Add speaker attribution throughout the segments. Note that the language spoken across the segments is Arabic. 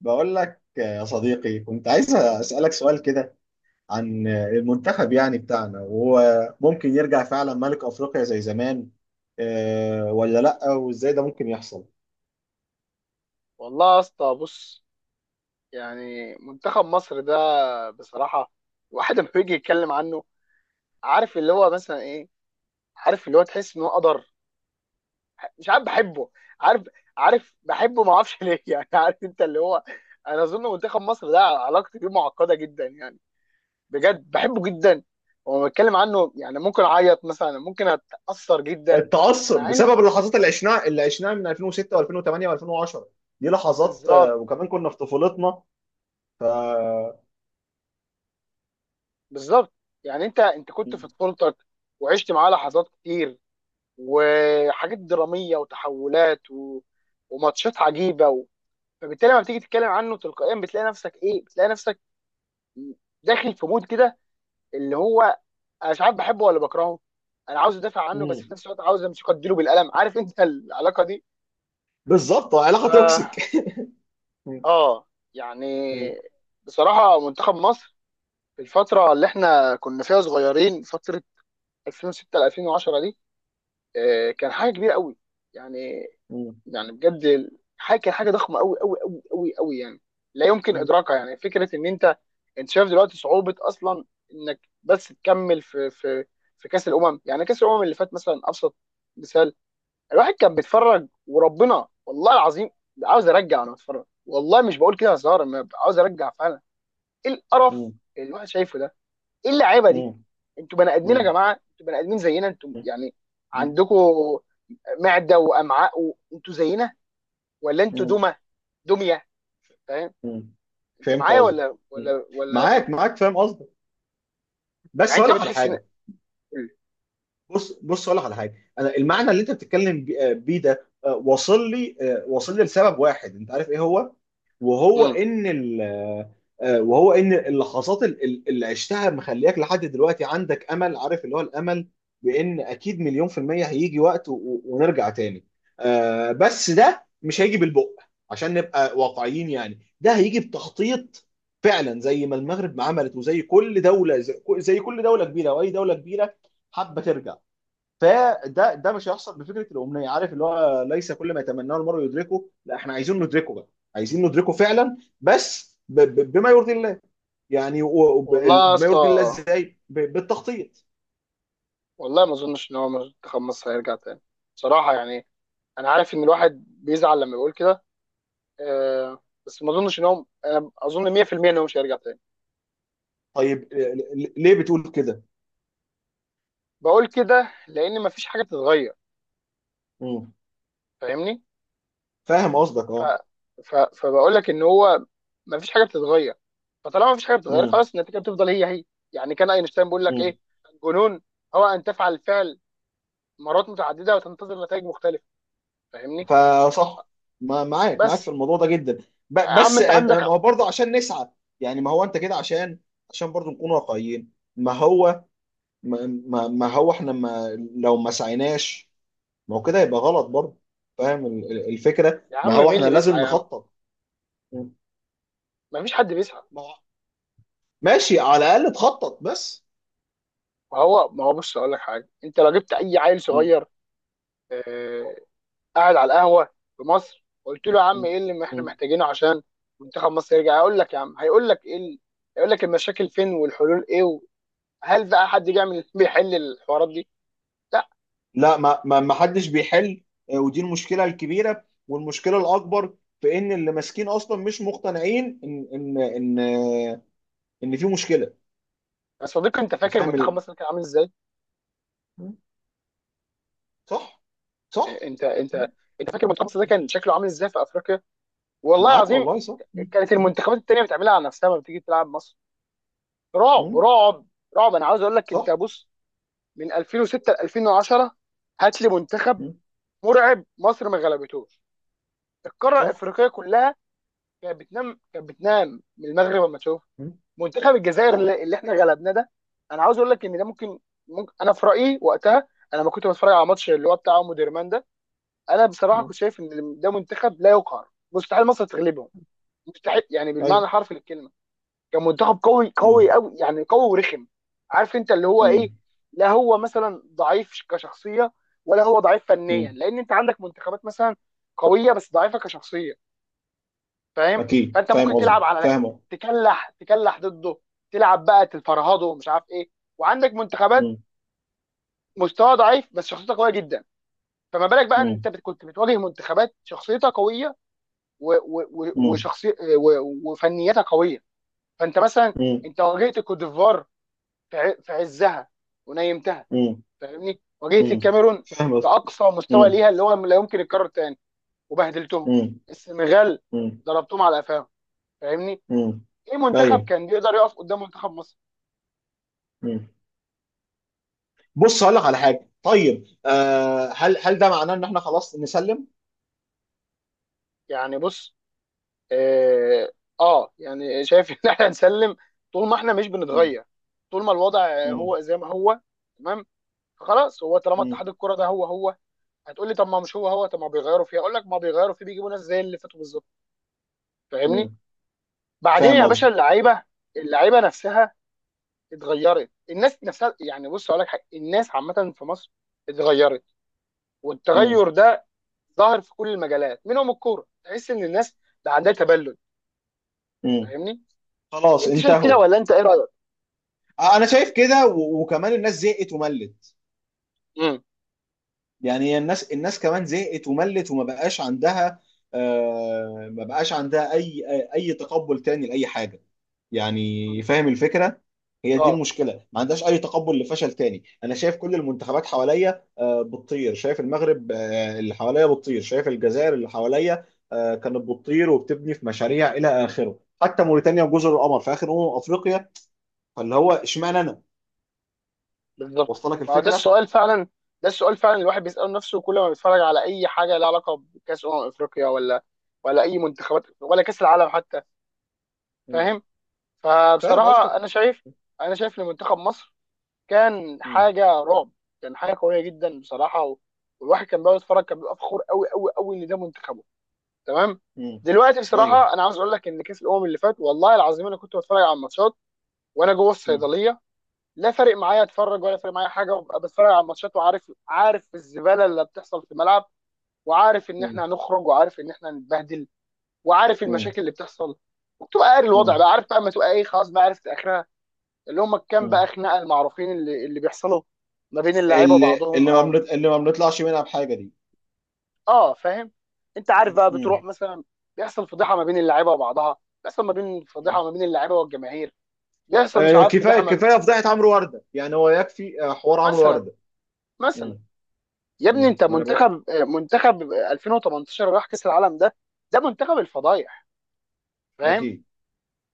Speaker 1: بقول لك يا صديقي، كنت عايز أسألك سؤال كده عن المنتخب يعني بتاعنا. وهو ممكن يرجع فعلا ملك أفريقيا زي زمان، آه، ولا لأ؟ وإزاي ده ممكن يحصل؟
Speaker 2: والله يا اسطى، بص. يعني منتخب مصر ده، بصراحه الواحد لما بيجي يتكلم عنه، عارف اللي هو مثلا ايه، عارف اللي هو تحس ان هو قدر، مش عارف بحبه، عارف عارف بحبه ما اعرفش ليه يعني عارف انت اللي هو، انا اظن منتخب مصر ده علاقتي بيه معقده جدا يعني، بجد بحبه جدا. وما بتكلم عنه يعني ممكن اعيط مثلا، ممكن اتاثر جدا.
Speaker 1: التعصب
Speaker 2: مع ان،
Speaker 1: بسبب اللحظات اللي عشناها من 2006 و2008 و2010. دي لحظات،
Speaker 2: بالظبط،
Speaker 1: وكمان كنا في طفولتنا. ف
Speaker 2: بالظبط. يعني انت كنت في طفولتك، وعشت معاه لحظات كتير، وحاجات دراميه وتحولات، و... وماتشات عجيبه، و... فبالتالي لما بتيجي تتكلم عنه تلقائيا بتلاقي نفسك ايه، بتلاقي نفسك داخل في مود كده، اللي هو انا مش عارف بحبه ولا بكرهه، انا عاوز ادافع عنه بس
Speaker 1: مم.
Speaker 2: في نفس الوقت عاوز امسكه اديله بالقلم، عارف انت العلاقه دي.
Speaker 1: بالظبط،
Speaker 2: ف
Speaker 1: علاقة توكسيك. مم.
Speaker 2: اه يعني
Speaker 1: مم.
Speaker 2: بصراحه منتخب مصر في الفتره اللي احنا كنا فيها صغيرين، فتره 2006 ل 2010 دي، آه، كان حاجه كبيره قوي يعني،
Speaker 1: مم.
Speaker 2: بجد حاجه، كان حاجه ضخمه قوي قوي قوي قوي قوي، يعني لا يمكن
Speaker 1: مم.
Speaker 2: ادراكها. يعني فكره ان انت شايف دلوقتي صعوبه اصلا انك بس تكمل في في كاس الامم. يعني كاس الامم اللي فات مثلا، ابسط مثال، الواحد كان بيتفرج وربنا والله العظيم عاوز ارجع. وانا بتفرج والله مش بقول كده هزار، أنا عاوز ارجع فعلا. ايه القرف
Speaker 1: مم.
Speaker 2: اللي الواحد شايفه ده؟ ايه اللعيبه دي؟
Speaker 1: مم.
Speaker 2: انتوا بني ادمين يا جماعه، انتوا بني ادمين زينا، انتوا يعني
Speaker 1: مم.
Speaker 2: عندكم معده وامعاء، وانتوا زينا، ولا انتوا
Speaker 1: مم.
Speaker 2: دمى؟ دميه. فاهم
Speaker 1: مم.
Speaker 2: انت
Speaker 1: فهمت
Speaker 2: معايا
Speaker 1: قصدك.
Speaker 2: ولا
Speaker 1: مم.
Speaker 2: ولا ايه؟
Speaker 1: معاك فاهم قصدك.
Speaker 2: يعني
Speaker 1: بس
Speaker 2: انت
Speaker 1: هقول لك على
Speaker 2: بتحس ان،
Speaker 1: حاجه. بص هقول لك على حاجه. انا المعنى اللي انت بتتكلم بيه ده، واصل لي لسبب واحد، انت عارف ايه هو. وهو
Speaker 2: مم.
Speaker 1: ان ال وهو ان اللحظات اللي عشتها مخلياك لحد دلوقتي عندك امل، عارف اللي هو الامل، بان اكيد مليون في المية هيجي وقت ونرجع تاني. بس ده مش هيجي بالبق، عشان نبقى واقعيين يعني. ده هيجي بتخطيط فعلا، زي ما المغرب ما عملت، وزي كل دولة، زي كل دولة كبيرة، واي دولة كبيرة حابة ترجع. فده مش هيحصل بفكره الامنيه، عارف اللي هو ليس كل ما يتمناه المرء يدركه. لا، احنا عايزين ندركه بقى. عايزين ندركه فعلا، بس بما يرضي الله. يعني
Speaker 2: والله يا
Speaker 1: بما
Speaker 2: اسطى،
Speaker 1: يرضي الله ازاي؟ بالتخطيط.
Speaker 2: والله ما اظنش ان هو منتخب مصر هيرجع تاني، بصراحه يعني. انا عارف ان الواحد بيزعل لما يقول كده، آه، بس ما اظنش ان هو، انا اظن 100% ان هو مش هيرجع تاني.
Speaker 1: طيب، آه، ليه بتقول كده؟
Speaker 2: بقول كده لان ما فيش حاجه تتغير،
Speaker 1: مم.
Speaker 2: فاهمني؟
Speaker 1: فاهم قصدك،
Speaker 2: ف...
Speaker 1: اه.
Speaker 2: فبقول لك ان هو ما فيش حاجه بتتغير. فطالما ما فيش حاجه بتتغير،
Speaker 1: مم.
Speaker 2: خلاص، النتيجه بتفضل هي هي. يعني كان اينشتاين بيقول لك
Speaker 1: مم.
Speaker 2: ايه؟ الجنون هو ان تفعل الفعل مرات متعدده وتنتظر نتائج مختلفه. فاهمني؟
Speaker 1: فصح. معاك في
Speaker 2: بس
Speaker 1: الموضوع ده جدا.
Speaker 2: يا
Speaker 1: ب-
Speaker 2: عم
Speaker 1: بس
Speaker 2: انت عندك،
Speaker 1: هو برضه عشان نسعى. يعني، ما هو انت كده، عشان عشان برضه نكون واقعيين. ما هو ما هو احنا، ما لو ما سعيناش، ما هو كده يبقى غلط برضه. فاهم الفكرة،
Speaker 2: يا عم
Speaker 1: ما هو
Speaker 2: مين
Speaker 1: احنا
Speaker 2: اللي
Speaker 1: لازم
Speaker 2: بيسعى يا عم؟
Speaker 1: نخطط. م.
Speaker 2: ما فيش حد بيسعى.
Speaker 1: ما هو- ماشي، على الأقل تخطط بس.
Speaker 2: ما هو بص اقول لك حاجه، انت لو جبت اي عيل
Speaker 1: م.
Speaker 2: صغير، آه، قاعد على القهوه في مصر، قلت له يا عم
Speaker 1: م.
Speaker 2: ايه اللي احنا
Speaker 1: م.
Speaker 2: محتاجينه عشان منتخب مصر يرجع؟ هيقول لك يا عم، هيقول لك ايه هيقول لك المشاكل فين والحلول ايه. هل بقى حد جه من بيحل الحوارات دي؟ لا.
Speaker 1: لا، ما حدش بيحل. ودي المشكلة الكبيرة، والمشكلة الأكبر في إن اللي ماسكين أصلا مش مقتنعين إن إن في مشكلة.
Speaker 2: يا صديقي انت فاكر
Speaker 1: فاهم
Speaker 2: منتخب
Speaker 1: ال...
Speaker 2: مصر كان عامل ازاي؟
Speaker 1: م. صح. صح.
Speaker 2: انت
Speaker 1: م.
Speaker 2: انت انت فاكر منتخب مصر ده كان شكله عامل ازاي في افريقيا؟ والله
Speaker 1: معاك
Speaker 2: العظيم
Speaker 1: والله، صح. م.
Speaker 2: كانت
Speaker 1: م.
Speaker 2: المنتخبات التانيه بتعملها على نفسها لما بتيجي تلعب مصر. رعب
Speaker 1: م.
Speaker 2: رعب رعب. انا عاوز اقول لك، انت
Speaker 1: صح.
Speaker 2: بص، من 2006 ل 2010 هات لي منتخب
Speaker 1: م.
Speaker 2: مرعب مصر ما غلبتوش. القاره
Speaker 1: صح.
Speaker 2: الافريقيه كلها كانت بتنام، كانت بتنام من المغرب، لما تشوف
Speaker 1: م.
Speaker 2: منتخب الجزائر
Speaker 1: صح.
Speaker 2: اللي احنا غلبناه ده. انا عاوز اقول لك ان ده ممكن، ممكن. انا في رايي وقتها، انا لما كنت بتفرج على ماتش اللي هو بتاع مودرمان ده، انا بصراحه
Speaker 1: م.
Speaker 2: كنت شايف ان ده منتخب لا يقهر، مستحيل مصر تغلبهم، مستحيل، يعني بالمعنى
Speaker 1: أيوه.
Speaker 2: الحرفي للكلمه. كان منتخب قوي قوي قوي، يعني قوي ورخم، عارف انت اللي هو
Speaker 1: م.
Speaker 2: ايه. لا هو مثلا ضعيف كشخصيه، ولا هو ضعيف
Speaker 1: م.
Speaker 2: فنيا، لان انت عندك منتخبات مثلا قويه بس ضعيفه كشخصيه، فاهم؟
Speaker 1: اكيد
Speaker 2: فانت
Speaker 1: فاهم
Speaker 2: ممكن
Speaker 1: قصدي،
Speaker 2: تلعب على،
Speaker 1: فاهم.
Speaker 2: تكلح تكلح ضده، تلعب بقى تفرهده ومش عارف ايه. وعندك منتخبات
Speaker 1: مم.
Speaker 2: مستوى ضعيف بس شخصيتها قويه جدا. فما بالك بقى ان
Speaker 1: مم.
Speaker 2: انت كنت بتواجه منتخبات شخصيتها قويه
Speaker 1: مم.
Speaker 2: وشخصي وفنيتها قويه. فانت مثلا،
Speaker 1: مم.
Speaker 2: انت واجهت الكوت ديفوار في عزها ونيمتها،
Speaker 1: مم.
Speaker 2: فاهمني؟ واجهت
Speaker 1: مم.
Speaker 2: الكاميرون
Speaker 1: فاهم
Speaker 2: في
Speaker 1: قصدي.
Speaker 2: اقصى مستوى
Speaker 1: مم.
Speaker 2: ليها اللي هو لا يمكن يتكرر تاني، وبهدلتهم.
Speaker 1: مم.
Speaker 2: السنغال
Speaker 1: مم.
Speaker 2: ضربتهم على قفاهم، فاهمني؟
Speaker 1: مم.
Speaker 2: ايه منتخب
Speaker 1: ايوه.
Speaker 2: كان بيقدر يقف قدام منتخب مصر؟
Speaker 1: مم. بص هقول لك على حاجه. طيب آه، هل ده معناه ان احنا خلاص نسلم؟
Speaker 2: يعني بص، اه, آه، يعني شايف ان احنا نسلم طول ما احنا مش
Speaker 1: مم.
Speaker 2: بنتغير. طول ما الوضع
Speaker 1: مم.
Speaker 2: هو زي ما هو، تمام، خلاص. هو طالما
Speaker 1: مم.
Speaker 2: اتحاد الكوره ده هو هو، هتقول لي طب ما مش هو هو؟ طب ما بيغيروا فيه، اقول لك ما بيغيروا فيه، بيجيبوا ناس زي اللي فاتوا بالظبط، فاهمني؟
Speaker 1: مم.
Speaker 2: بعدين
Speaker 1: فاهم
Speaker 2: يا
Speaker 1: قصدي.
Speaker 2: باشا، اللعيبه، اللعيبه نفسها اتغيرت، الناس نفسها. يعني بص اقول لك حاجه، الناس عامه في مصر اتغيرت.
Speaker 1: مم.
Speaker 2: والتغير ده ظاهر في كل المجالات، منهم الكوره. تحس ان الناس بقى عندها تبلد،
Speaker 1: مم.
Speaker 2: فاهمني؟
Speaker 1: خلاص
Speaker 2: انت شايف كده
Speaker 1: انتهوا.
Speaker 2: ولا انت ايه رايك؟
Speaker 1: انا شايف كده، وكمان الناس زهقت وملت.
Speaker 2: امم
Speaker 1: يعني الناس كمان زهقت وملت، وما بقاش عندها آه، ما بقاش عندها اي اي تقبل تاني لاي حاجه. يعني فاهم الفكره، هي دي
Speaker 2: اه،
Speaker 1: المشكله، ما عندهاش اي تقبل لفشل تاني. انا شايف كل المنتخبات حواليا آه، بتطير، شايف المغرب، آه، اللي حواليا بتطير، شايف الجزائر اللي حواليا، آه، كانت بتطير وبتبني في مشاريع الى اخره، حتى موريتانيا وجزر القمر في اخر افريقيا. فاللي هو اشمعنى انا؟
Speaker 2: بالظبط،
Speaker 1: وصل لك
Speaker 2: ما هو ده
Speaker 1: الفكره.
Speaker 2: السؤال فعلا. ده السؤال فعلا، الواحد بيساله نفسه كل ما بيتفرج على اي حاجه لها علاقه بكاس افريقيا، ولا ولا اي منتخبات، ولا كاس العالم حتى،
Speaker 1: مم.
Speaker 2: فاهم؟
Speaker 1: فاهم
Speaker 2: فبصراحه
Speaker 1: قصدك.
Speaker 2: انا شايف، انا شايف ان منتخب مصر كان
Speaker 1: مم.
Speaker 2: حاجه رعب، كان حاجه قويه جدا بصراحه. والواحد كان بيقعد يتفرج، كان بيبقى فخور قوي قوي قوي ان ده منتخب، تمام.
Speaker 1: مم.
Speaker 2: دلوقتي
Speaker 1: ايوه.
Speaker 2: بصراحه انا عاوز اقول لك ان كاس الامم اللي فات والله العظيم انا كنت بتفرج على الماتشات وانا جوه
Speaker 1: مم.
Speaker 2: الصيدليه. لا فارق معايا اتفرج، ولا فارق معايا حاجه، وابقى بتفرج على الماتشات، وعارف، عارف الزباله اللي بتحصل في الملعب، وعارف ان
Speaker 1: مم.
Speaker 2: احنا هنخرج، وعارف ان احنا هنتبهدل، وعارف
Speaker 1: مم.
Speaker 2: المشاكل اللي بتحصل. وبتبقى قاري الوضع
Speaker 1: مم.
Speaker 2: بقى، عارف بقى اما تبقى ايه، خلاص بقى عرفت اخرها. اللي هم كام
Speaker 1: مم.
Speaker 2: بقى، خناقه المعروفين اللي بيحصلوا ما بين اللعيبه
Speaker 1: اللي
Speaker 2: وبعضهم،
Speaker 1: اللي ما
Speaker 2: او،
Speaker 1: بنط- اللي ما بنطلعش منها بحاجه دي.
Speaker 2: اه، فاهم. انت عارف بقى بتروح مثلا، بيحصل فضيحه ما بين اللعيبه وبعضها، بيحصل ما بين،
Speaker 1: مم.
Speaker 2: فضيحه ما بين اللعيبه والجماهير، بيحصل مش
Speaker 1: آه،
Speaker 2: عارف
Speaker 1: كفايه
Speaker 2: فضيحه ما،
Speaker 1: كفايه فضيحه عمرو ورده. يعني هو يكفي آه، حوار عمرو
Speaker 2: مثلا،
Speaker 1: ورده.
Speaker 2: مثلا،
Speaker 1: مم.
Speaker 2: يا ابني
Speaker 1: مم.
Speaker 2: انت
Speaker 1: ما انا بقول.
Speaker 2: منتخب 2018 راح كاس العالم ده، ده منتخب الفضايح، فاهم؟
Speaker 1: اكيد.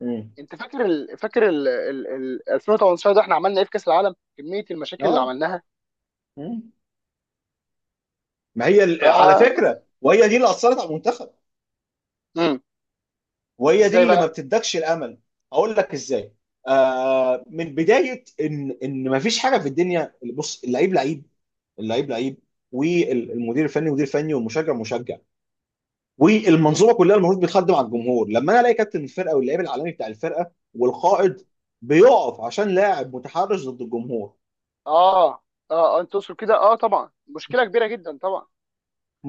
Speaker 1: مم.
Speaker 2: انت فاكر ال، 2018 ده احنا عملنا ايه في كاس العالم، كميه المشاكل اللي
Speaker 1: اه.
Speaker 2: عملناها.
Speaker 1: مم. ما هي
Speaker 2: ف
Speaker 1: على فكره، وهي دي اللي اثرت على المنتخب،
Speaker 2: مم.
Speaker 1: وهي دي
Speaker 2: ازاي
Speaker 1: اللي ما
Speaker 2: بقى؟
Speaker 1: بتدكش الامل. اقول لك ازاي، آه، من بدايه ان ما فيش حاجه في الدنيا. بص، اللعيب لعيب. اللعيب لعيب والمدير الفني مدير فني، والمشجع مشجع،
Speaker 2: مم.
Speaker 1: والمنظومه كلها المفروض بتخدم على الجمهور. لما انا الاقي كابتن الفرقه واللاعب العالمي بتاع الفرقه والقائد بيقف عشان لاعب متحرش ضد الجمهور،
Speaker 2: اه، اه، آه، انت تقصد كده؟ اه، طبعا، مشكله كبيره جدا طبعا.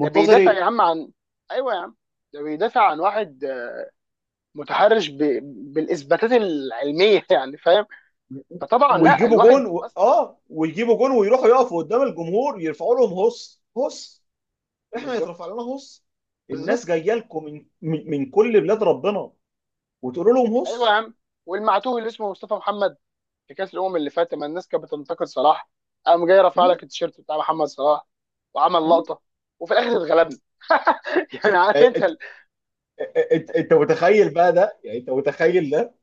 Speaker 2: ده بيدافع يا
Speaker 1: ايه؟
Speaker 2: عم عن، ايوه يا عم، ده بيدافع عن واحد آه، متحرش ب، بالاثباتات العلميه يعني فاهم؟ فطبعا لا الواحد اصلا،
Speaker 1: ويجيبوا جون ويروحوا يقفوا قدام الجمهور يرفعوا لهم هص هص. احنا
Speaker 2: بالظبط،
Speaker 1: يترفع لنا هص؟ الناس
Speaker 2: بالظبط،
Speaker 1: جايه لكم من كل بلاد ربنا وتقولوا لهم
Speaker 2: ايوه يا
Speaker 1: هص.
Speaker 2: عم. والمعتوه اللي اسمه مصطفى محمد في كاس الامم اللي فات لما الناس كانت بتنتقد صلاح، قام جاي رافع
Speaker 1: م?
Speaker 2: لك التيشيرت بتاع محمد صلاح وعمل
Speaker 1: م?
Speaker 2: لقطه. وفي الاخر اتغلبنا يعني عارف انت
Speaker 1: انت، أنت متخيل بقى ده، يعني انت متخيل ده.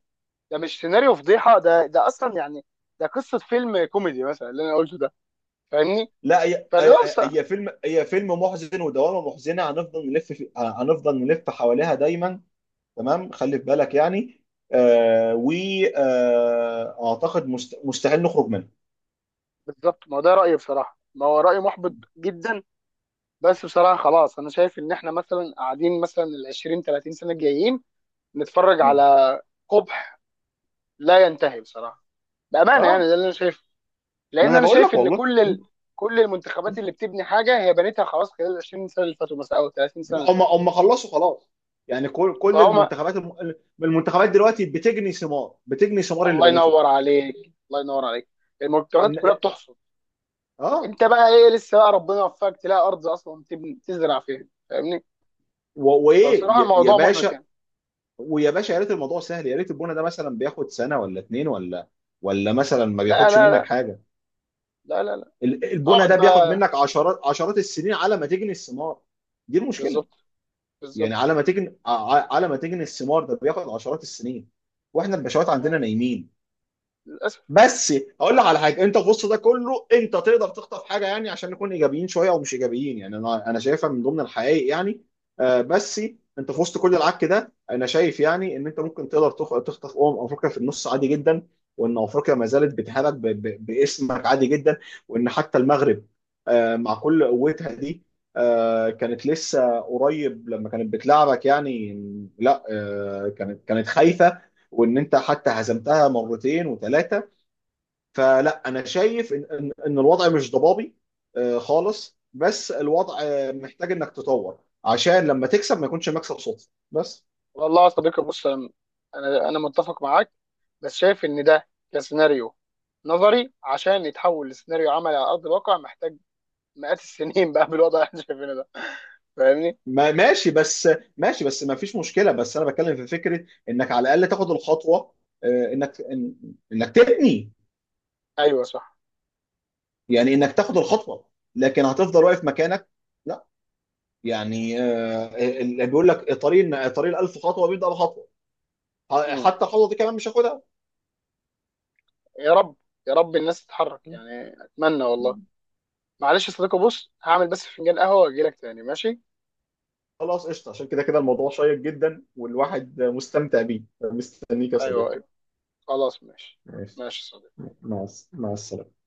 Speaker 2: ده مش سيناريو فضيحه ده اصلا يعني ده قصه فيلم كوميدي مثلا اللي انا قلته ده، فاهمني؟
Speaker 1: لا، هي
Speaker 2: فاللي هو
Speaker 1: هي
Speaker 2: بص-
Speaker 1: هي فيلم هي فيلم محزن ودوامه محزنه، هنفضل نلف حواليها دايما. تمام، خلي في بالك يعني، آه، واعتقد مستحيل نخرج منها.
Speaker 2: بالظبط، ما هو ده رأيي بصراحة، ما هو رأي محبط جدا. بس بصراحة خلاص أنا شايف إن إحنا مثلا قاعدين مثلا ال 20 30 سنة الجايين نتفرج
Speaker 1: مم.
Speaker 2: على قبح لا ينتهي بصراحة. بأمانة يعني
Speaker 1: اه،
Speaker 2: ده اللي أنا شايفه.
Speaker 1: ما
Speaker 2: لأن
Speaker 1: انا
Speaker 2: أنا
Speaker 1: بقول
Speaker 2: شايف
Speaker 1: لك
Speaker 2: إن
Speaker 1: والله.
Speaker 2: كل ال،
Speaker 1: مم.
Speaker 2: كل المنتخبات
Speaker 1: مم.
Speaker 2: اللي بتبني حاجة هي بنيتها خلاص خلال ال 20 سنة اللي فاتوا مثلا أو 30 سنة اللي
Speaker 1: لا، هم
Speaker 2: فاتوا،
Speaker 1: هم خلصوا خلاص. يعني كل
Speaker 2: فهم.
Speaker 1: المنتخبات المنتخبات دلوقتي بتجني ثمار، بتجني ثمار اللي
Speaker 2: الله
Speaker 1: بنته.
Speaker 2: ينور عليك، الله ينور عليك، المنتخبات
Speaker 1: إن...
Speaker 2: كلها بتحصد.
Speaker 1: اه.
Speaker 2: أنت بقى إيه؟ لسه بقى ربنا يوفقك تلاقي أرض أصلا تبني تزرع فيها، فاهمني؟
Speaker 1: و... وايه
Speaker 2: فبصراحة
Speaker 1: يا
Speaker 2: الموضوع محبط
Speaker 1: باشا؟
Speaker 2: يعني.
Speaker 1: ويا باشا، يا ريت الموضوع سهل، يا ريت البونه ده مثلا بياخد سنه ولا اتنين، ولا ولا مثلا ما
Speaker 2: لا
Speaker 1: بياخدش منك
Speaker 2: لا
Speaker 1: حاجه.
Speaker 2: لا لا لا،
Speaker 1: البونه
Speaker 2: اقعد
Speaker 1: ده بياخد
Speaker 2: بقى.
Speaker 1: منك عشرات، عشرات السنين على ما تجني الثمار. دي المشكله.
Speaker 2: بالظبط،
Speaker 1: يعني
Speaker 2: بالظبط،
Speaker 1: على ما تجني، على ما تجني الثمار، ده بياخد عشرات السنين، واحنا البشوات عندنا
Speaker 2: آه،
Speaker 1: نايمين.
Speaker 2: للاسف.
Speaker 1: بس اقول لك على حاجه، انت في وسط ده كله انت تقدر تخطف حاجه. يعني عشان نكون ايجابيين شويه، او مش ايجابيين يعني. انا شايفها من ضمن الحقائق يعني. آه، بس انت في وسط كل العك ده، انا شايف يعني ان انت ممكن تقدر تخطف افريقيا في النص عادي جدا. وان افريقيا ما زالت بتهابك، باسمك عادي جدا. وان حتى المغرب، آه، مع كل قوتها دي، آه، كانت لسه قريب لما كانت بتلعبك يعني، لا آه، كانت خايفه. وان انت حتى هزمتها مرتين وثلاثه. فلا انا شايف ان ان إن الوضع مش ضبابي آه، خالص. بس الوضع آه، محتاج انك تطور، عشان لما تكسب ما يكونش مكسب صدفه بس.
Speaker 2: والله يا صديقي بص، انا، أنا متفق معاك، بس شايف ان ده كسيناريو نظري عشان يتحول لسيناريو عملي على ارض الواقع محتاج مئات السنين بقى بالوضع اللي احنا شايفينه ده، فاهمني؟
Speaker 1: ما ماشي بس، ماشي بس ما فيش مشكله. بس انا بتكلم في فكره انك على الاقل تاخد الخطوه، آه، انك تبني.
Speaker 2: ايوه صح.
Speaker 1: يعني انك تاخد الخطوه، لكن هتفضل واقف مكانك؟ لا. يعني آه، اللي بيقول لك طريق الألف خطوه بيبدا بخطوه.
Speaker 2: مم.
Speaker 1: حتى الخطوه دي كمان مش هاخدها.
Speaker 2: يا رب، يا رب الناس تتحرك يعني، اتمنى والله. معلش يا صديقي بص، هعمل بس فنجان قهوه واجي لك تاني، ماشي؟
Speaker 1: خلاص قشطة، عشان كده الموضوع شيق جدا والواحد مستمتع بيه. مستنيك يا صديقي.
Speaker 2: ايوه ايوه، خلاص ماشي.
Speaker 1: ماشي.
Speaker 2: ماشي يا صديقي.
Speaker 1: مع السلامة.